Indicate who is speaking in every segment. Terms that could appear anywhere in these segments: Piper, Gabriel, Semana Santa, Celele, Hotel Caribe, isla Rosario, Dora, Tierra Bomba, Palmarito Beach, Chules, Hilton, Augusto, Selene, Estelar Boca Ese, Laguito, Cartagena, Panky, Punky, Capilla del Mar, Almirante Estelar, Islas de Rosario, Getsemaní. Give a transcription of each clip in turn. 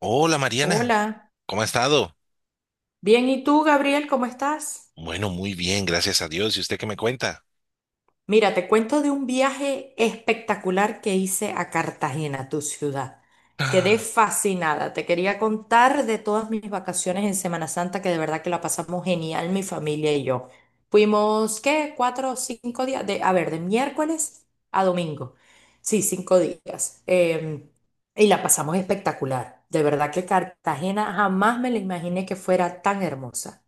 Speaker 1: Hola Mariana,
Speaker 2: Hola,
Speaker 1: ¿cómo ha estado?
Speaker 2: bien, ¿y tú, Gabriel, cómo estás?
Speaker 1: Bueno, muy bien, gracias a Dios. ¿Y usted qué me cuenta?
Speaker 2: Mira, te cuento de un viaje espectacular que hice a Cartagena, tu ciudad. Quedé
Speaker 1: Ah.
Speaker 2: fascinada, te quería contar de todas mis vacaciones en Semana Santa, que de verdad que la pasamos genial, mi familia y yo. Fuimos, ¿qué? 4 o 5 días, de, a ver, de miércoles a domingo. Sí, 5 días. Y la pasamos espectacular. De verdad que Cartagena jamás me la imaginé que fuera tan hermosa.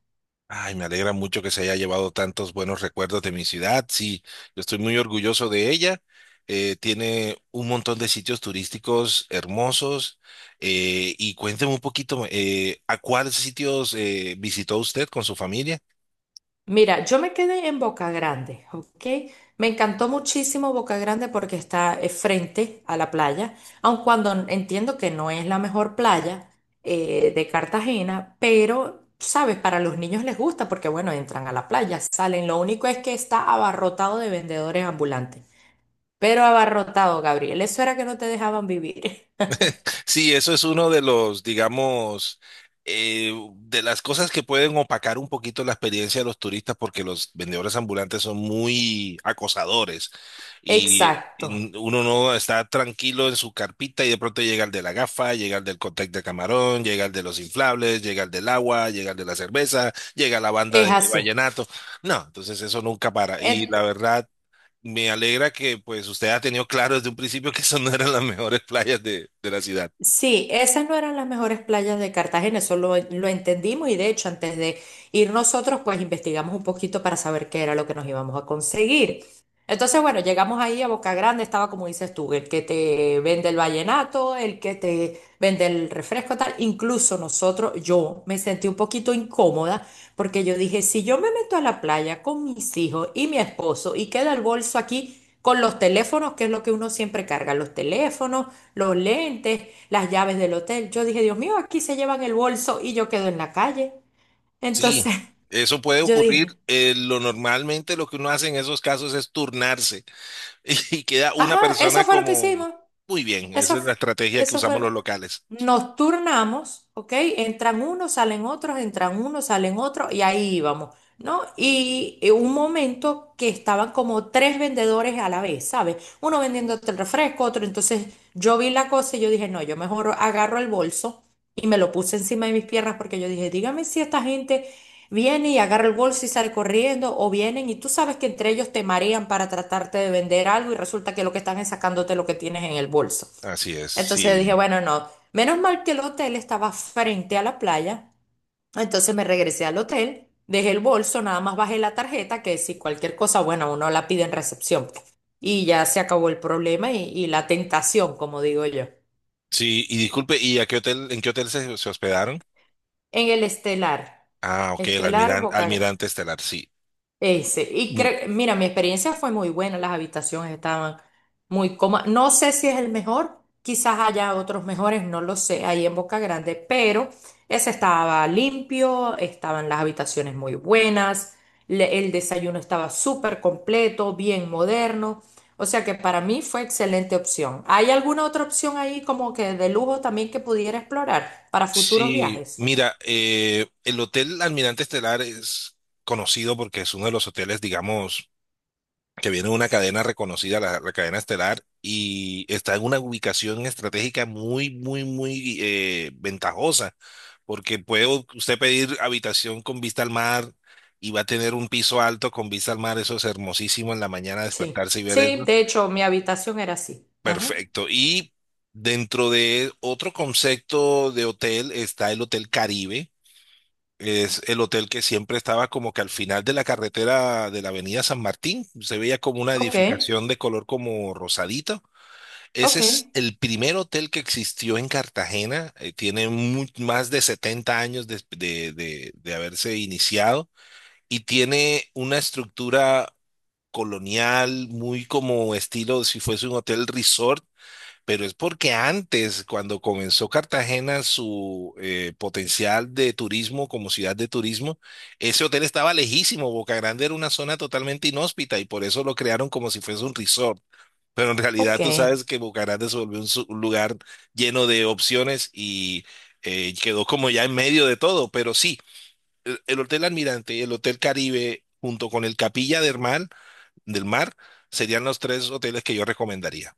Speaker 1: Ay, me alegra mucho que se haya llevado tantos buenos recuerdos de mi ciudad. Sí, yo estoy muy orgulloso de ella. Tiene un montón de sitios turísticos hermosos. Y cuénteme un poquito, ¿a cuáles sitios visitó usted con su familia?
Speaker 2: Mira, yo me quedé en Boca Grande, ¿ok? Me encantó muchísimo Boca Grande porque está frente a la playa, aun cuando entiendo que no es la mejor playa de Cartagena, pero, sabes, para los niños les gusta porque, bueno, entran a la playa, salen, lo único es que está abarrotado de vendedores ambulantes, pero abarrotado, Gabriel, eso era que no te dejaban vivir.
Speaker 1: Sí, eso es uno de los, digamos, de las cosas que pueden opacar un poquito la experiencia de los turistas porque los vendedores ambulantes son muy acosadores y,
Speaker 2: Exacto,
Speaker 1: y uno no está tranquilo en su carpita y de pronto llega el de la gafa, llega el del cóctel de camarón, llega el de los inflables, llega el del agua, llega el de la cerveza, llega la banda
Speaker 2: es
Speaker 1: de
Speaker 2: así.
Speaker 1: vallenato. No, entonces eso nunca para y la verdad... Me alegra que pues usted ha tenido claro desde un principio que eso no eran las mejores playas de la ciudad.
Speaker 2: Sí, esas no eran las mejores playas de Cartagena, eso lo entendimos y de hecho antes de ir nosotros pues investigamos un poquito para saber qué era lo que nos íbamos a conseguir. Entonces bueno, llegamos ahí a Boca Grande, estaba como dices tú, el que te vende el vallenato, el que te vende el refresco tal, incluso nosotros, yo me sentí un poquito incómoda porque yo dije, si yo me meto a la playa con mis hijos y mi esposo y queda el bolso aquí con los teléfonos, que es lo que uno siempre carga, los teléfonos, los lentes, las llaves del hotel. Yo dije, Dios mío, aquí se llevan el bolso y yo quedo en la calle. Entonces
Speaker 1: Sí, eso puede
Speaker 2: yo
Speaker 1: ocurrir.
Speaker 2: dije,
Speaker 1: Lo normalmente lo que uno hace en esos casos es turnarse y queda una
Speaker 2: ajá, eso
Speaker 1: persona
Speaker 2: fue lo que
Speaker 1: como...
Speaker 2: hicimos.
Speaker 1: Muy bien,
Speaker 2: Eso,
Speaker 1: esa es la estrategia que
Speaker 2: eso
Speaker 1: usamos
Speaker 2: fue.
Speaker 1: los locales.
Speaker 2: Nos turnamos, ¿ok? Entran unos, salen otros, entran unos, salen otros, y ahí íbamos, ¿no? Y un momento que estaban como tres vendedores a la vez, ¿sabes? Uno vendiéndote el refresco, otro. Entonces yo vi la cosa y yo dije, no, yo mejor agarro el bolso y me lo puse encima de mis piernas porque yo dije, dígame si esta gente viene y agarra el bolso y sale corriendo, o vienen y tú sabes que entre ellos te marean para tratarte de vender algo y resulta que lo que están es sacándote lo que tienes en el bolso.
Speaker 1: Así es,
Speaker 2: Entonces yo dije,
Speaker 1: sí.
Speaker 2: bueno, no, menos mal que el hotel estaba frente a la playa. Entonces me regresé al hotel, dejé el bolso, nada más bajé la tarjeta, que si cualquier cosa, bueno, uno la pide en recepción. Y ya se acabó el problema y la tentación, como digo yo.
Speaker 1: Sí, y disculpe, ¿y a qué hotel, en qué hotel se, se hospedaron?
Speaker 2: En el Estelar,
Speaker 1: Ah, ok, el
Speaker 2: Estelar
Speaker 1: Almiran-
Speaker 2: Boca
Speaker 1: Almirante Estelar, sí.
Speaker 2: Ese. Y creo, mira, mi experiencia fue muy buena, las habitaciones estaban muy cómodas. No sé si es el mejor, quizás haya otros mejores, no lo sé, ahí en Boca Grande, pero ese estaba limpio, estaban las habitaciones muy buenas, el desayuno estaba súper completo, bien moderno. O sea que para mí fue excelente opción. ¿Hay alguna otra opción ahí como que de lujo también que pudiera explorar para futuros
Speaker 1: Sí,
Speaker 2: viajes?
Speaker 1: mira, el Hotel Almirante Estelar es conocido porque es uno de los hoteles, digamos, que viene de una cadena reconocida, la cadena estelar, y está en una ubicación estratégica muy, muy, muy ventajosa, porque puede u- usted pedir habitación con vista al mar y va a tener un piso alto con vista al mar, eso es hermosísimo en la mañana
Speaker 2: Sí.
Speaker 1: despertarse y ver
Speaker 2: Sí,
Speaker 1: eso.
Speaker 2: de hecho, mi habitación era así. Ajá.
Speaker 1: Perfecto. Y dentro de otro concepto de hotel está el Hotel Caribe, es el hotel que siempre estaba como que al final de la carretera de la avenida San Martín, se veía como una
Speaker 2: Ok.
Speaker 1: edificación de color como rosadito. Ese
Speaker 2: Ok,
Speaker 1: es el primer hotel que existió en Cartagena, tiene mu- más de 70 años de haberse iniciado y tiene una estructura colonial muy como estilo si fuese un hotel resort, pero es porque antes, cuando comenzó Cartagena su potencial de turismo como ciudad de turismo, ese hotel estaba lejísimo. Boca Grande era una zona totalmente inhóspita y por eso lo crearon como si fuese un resort. Pero en realidad
Speaker 2: ok,
Speaker 1: tú sabes que Boca Grande se volvió un, su- un lugar lleno de opciones y quedó como ya en medio de todo. Pero sí, el Hotel Almirante y el Hotel Caribe junto con el Capilla del Mar serían los tres hoteles que yo recomendaría.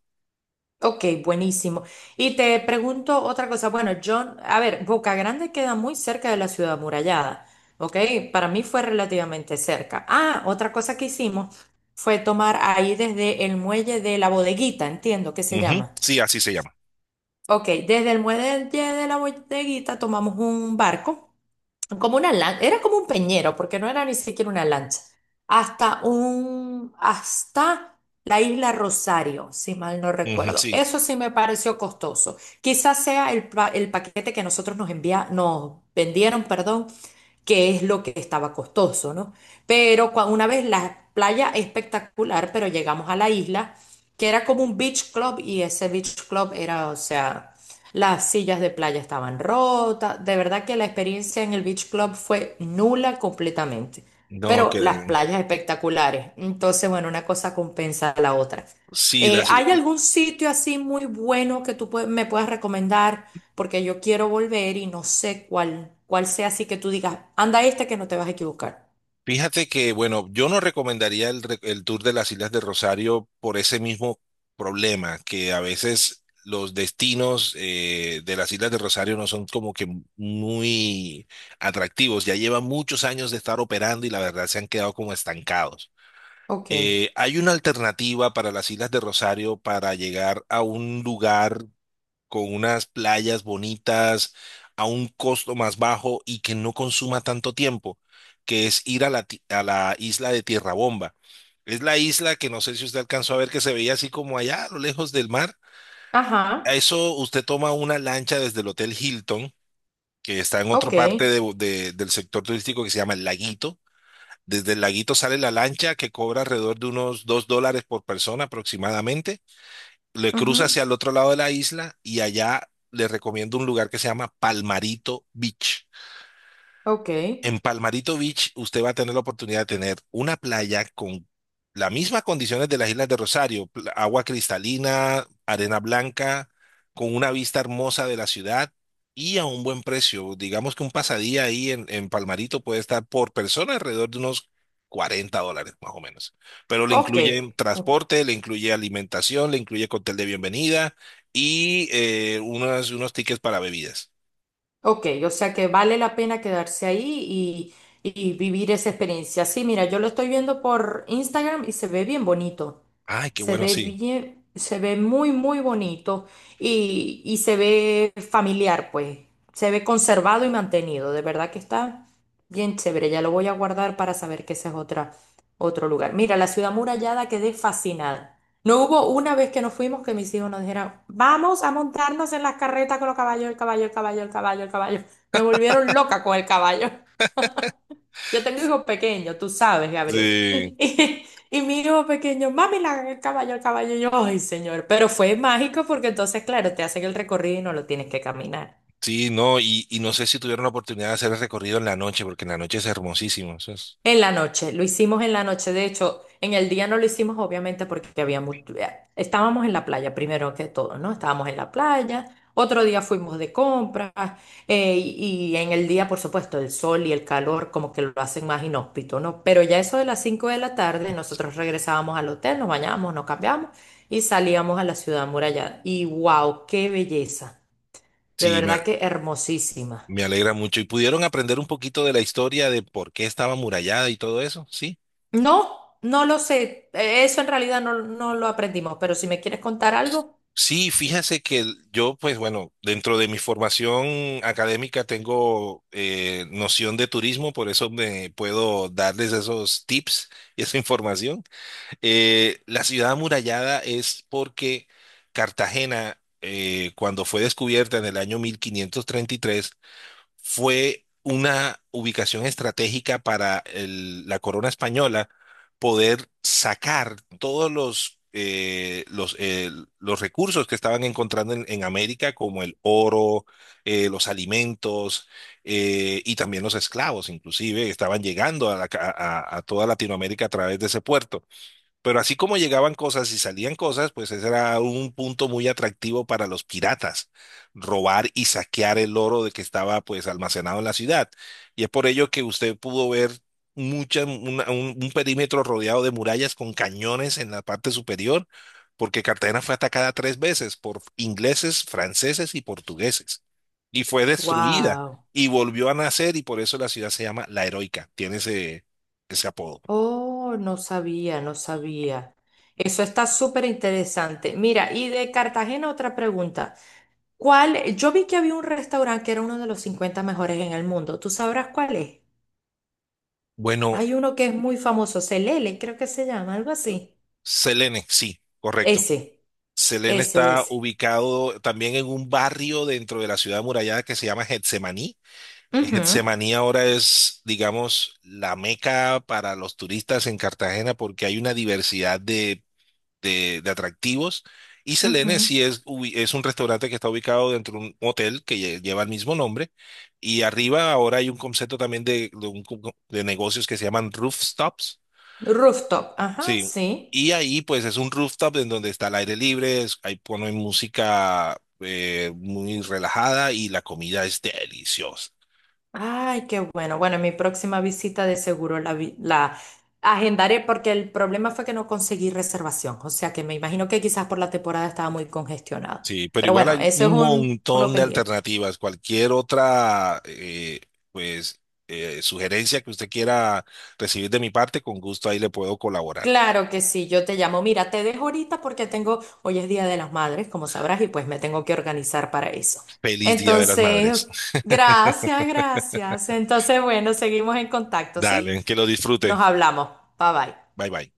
Speaker 2: ok, buenísimo. Y te pregunto otra cosa. Bueno, yo, a ver, Boca Grande queda muy cerca de la ciudad amurallada, ¿ok? Para mí fue relativamente cerca. Ah, otra cosa que hicimos fue tomar ahí desde el muelle de la bodeguita, entiendo que se
Speaker 1: Ujú.
Speaker 2: llama.
Speaker 1: Sí, así se llama.
Speaker 2: Ok, desde el muelle de la bodeguita tomamos un barco. Era como un peñero, porque no era ni siquiera una lancha, hasta hasta la isla Rosario, si mal no
Speaker 1: Ujú.
Speaker 2: recuerdo.
Speaker 1: Sí,
Speaker 2: Eso sí me pareció costoso. Quizás sea el paquete que nosotros nos envía, nos vendieron, perdón, que es lo que estaba costoso, ¿no? Pero una vez la playa espectacular, pero llegamos a la isla, que era como un beach club y ese beach club era, o sea, las sillas de playa estaban rotas, de verdad que la experiencia en el beach club fue nula completamente,
Speaker 1: no,
Speaker 2: pero las
Speaker 1: que
Speaker 2: playas espectaculares, entonces, bueno, una cosa compensa a la otra.
Speaker 1: sí, las,
Speaker 2: ¿Hay algún sitio así muy bueno que tú me puedas recomendar? Porque yo quiero volver y no sé cuál sea así que tú digas, anda esta que no te vas a equivocar.
Speaker 1: fíjate que, bueno, yo no recomendaría el, re- el tour de las Islas de Rosario por ese mismo problema, que a veces los destinos de las Islas de Rosario no son como que muy atractivos, ya llevan muchos años de estar operando y la verdad se han quedado como estancados.
Speaker 2: Ok.
Speaker 1: Hay una alternativa para las Islas de Rosario para llegar a un lugar con unas playas bonitas a un costo más bajo y que no consuma tanto tiempo, que es ir a la, ti- a la isla de Tierra Bomba. Es la isla que no sé si usted alcanzó a ver que se veía así como allá a lo lejos del mar.
Speaker 2: Ajá.
Speaker 1: A eso usted toma una lancha desde el Hotel Hilton, que está en otra
Speaker 2: Ok.
Speaker 1: parte de- Bo- de- del sector turístico que se llama el Laguito. Desde el Laguito sale la lancha que cobra alrededor de unos $2 por persona aproximadamente, le cruza
Speaker 2: Ujú.
Speaker 1: hacia el otro lado de la isla y allá le recomiendo un lugar que se llama Palmarito Beach.
Speaker 2: Ok.
Speaker 1: En Palmarito Beach, usted va a tener la oportunidad de tener una playa con las mismas condiciones de las Islas de Rosario, pl- agua cristalina, arena blanca, con una vista hermosa de la ciudad y a un buen precio. Digamos que un pasadía ahí en Palmarito puede estar por persona alrededor de unos $40 más o menos. Pero le
Speaker 2: Ok.
Speaker 1: incluye transporte, le incluye alimentación, le incluye cóctel de bienvenida y unos, unos tickets para bebidas.
Speaker 2: Ok, o sea que vale la pena quedarse ahí y vivir esa experiencia. Sí, mira, yo lo estoy viendo por Instagram y se ve bien bonito.
Speaker 1: Ay, qué
Speaker 2: Se
Speaker 1: bueno,
Speaker 2: ve
Speaker 1: sí.
Speaker 2: bien, se ve muy, muy bonito y se ve familiar, pues. Se ve conservado y mantenido. De verdad que está bien chévere. Ya lo voy a guardar para saber que ese es otra, otro lugar. Mira, la ciudad murallada quedé fascinada. No hubo una vez que nos fuimos que mis hijos nos dijeran, vamos a montarnos en las carretas con los caballos, el caballo, el caballo, el caballo, el caballo. Me volvieron loca con el caballo. Yo tengo hijos pequeños, tú sabes, Gabriel.
Speaker 1: Sí.
Speaker 2: Y mi hijo pequeño, mami, el caballo, el caballo. Y yo, ay, señor. Pero fue mágico porque entonces, claro, te hacen el recorrido y no lo tienes que caminar.
Speaker 1: Sí, no, y no sé si tuvieron la oportunidad de hacer el recorrido en la noche, porque en la noche es hermosísimo. Eso es-
Speaker 2: En la noche, lo hicimos en la noche. De hecho, en el día no lo hicimos, obviamente, porque había estábamos en la playa, primero que todo, ¿no? Estábamos en la playa. Otro día fuimos de compras. Y en el día, por supuesto, el sol y el calor como que lo hacen más inhóspito, ¿no? Pero ya eso de las 5 de la tarde, nosotros regresábamos al hotel, nos bañábamos, nos cambiamos y salíamos a la ciudad amurallada. Y wow, qué belleza. De
Speaker 1: sí, me,
Speaker 2: verdad
Speaker 1: a-
Speaker 2: que hermosísima.
Speaker 1: me alegra mucho. ¿Y pudieron aprender un poquito de la historia de por qué estaba amurallada y todo eso? Sí.
Speaker 2: No, no lo sé. Eso en realidad no, no lo aprendimos, pero si me quieres contar algo,
Speaker 1: Sí, fíjese que el- yo, pues bueno, dentro de mi formación académica tengo noción de turismo, por eso me puedo darles esos tips y esa información. La ciudad amurallada es porque Cartagena, cuando fue descubierta en el año 1533, fue una ubicación estratégica para el- la corona española poder sacar todos los recursos que estaban encontrando en América, como el oro, los alimentos y también los esclavos, inclusive, estaban llegando a la ca- a toda Latinoamérica a través de ese puerto. Pero así como llegaban cosas y salían cosas, pues ese era un punto muy atractivo para los piratas, robar y saquear el oro de que estaba pues almacenado en la ciudad. Y es por ello que usted pudo ver mucha, una- un perímetro rodeado de murallas con cañones en la parte superior, porque Cartagena fue atacada tres veces por ingleses, franceses y portugueses. Y fue destruida
Speaker 2: wow.
Speaker 1: y volvió a nacer y por eso la ciudad se llama La Heroica, tiene ese, ese apodo.
Speaker 2: Oh, no sabía, no sabía. Eso está súper interesante. Mira, y de Cartagena otra pregunta. ¿Cuál? Yo vi que había un restaurante que era uno de los 50 mejores en el mundo. ¿Tú sabrás cuál es?
Speaker 1: Bueno,
Speaker 2: Hay uno que es muy famoso, Celele, creo que se llama, algo así.
Speaker 1: Selene, sí, correcto.
Speaker 2: Ese,
Speaker 1: Selene
Speaker 2: ese,
Speaker 1: está
Speaker 2: ese.
Speaker 1: ubicado también en un barrio dentro de la ciudad amurallada que se llama Getsemaní, que
Speaker 2: Ujú,
Speaker 1: Getsemaní ahora es, digamos, la meca para los turistas en Cartagena porque hay una diversidad de atractivos. Y Selene
Speaker 2: ujú.
Speaker 1: sí es, ubi- es un restaurante que está ubicado dentro de un hotel que lle- lleva el mismo nombre. Y arriba ahora hay un concepto también de un co- de negocios que se llaman rooftops.
Speaker 2: Rooftop, ajá,
Speaker 1: Sí,
Speaker 2: sí.
Speaker 1: y ahí pues es un rooftop en donde está el aire libre, es- ahí ponen música muy relajada y la comida es deliciosa.
Speaker 2: Ay, qué bueno. Bueno, en mi próxima visita de seguro la, la agendaré porque el problema fue que no conseguí reservación. O sea que me imagino que quizás por la temporada estaba muy congestionado.
Speaker 1: Sí, pero
Speaker 2: Pero
Speaker 1: igual
Speaker 2: bueno,
Speaker 1: hay
Speaker 2: eso es
Speaker 1: un
Speaker 2: un, uno
Speaker 1: montón de
Speaker 2: pendiente.
Speaker 1: alternativas. Cualquier otra pues sugerencia que usted quiera recibir de mi parte, con gusto ahí le puedo colaborar.
Speaker 2: Claro que sí, yo te llamo. Mira, te dejo ahorita porque tengo, hoy es Día de las Madres, como sabrás, y pues me tengo que organizar para eso.
Speaker 1: Feliz Día de las
Speaker 2: Entonces,
Speaker 1: Madres.
Speaker 2: gracias, gracias. Entonces, bueno, seguimos en contacto, ¿sí?
Speaker 1: Dale, que lo disfrute.
Speaker 2: Nos hablamos. Bye bye.
Speaker 1: Bye bye.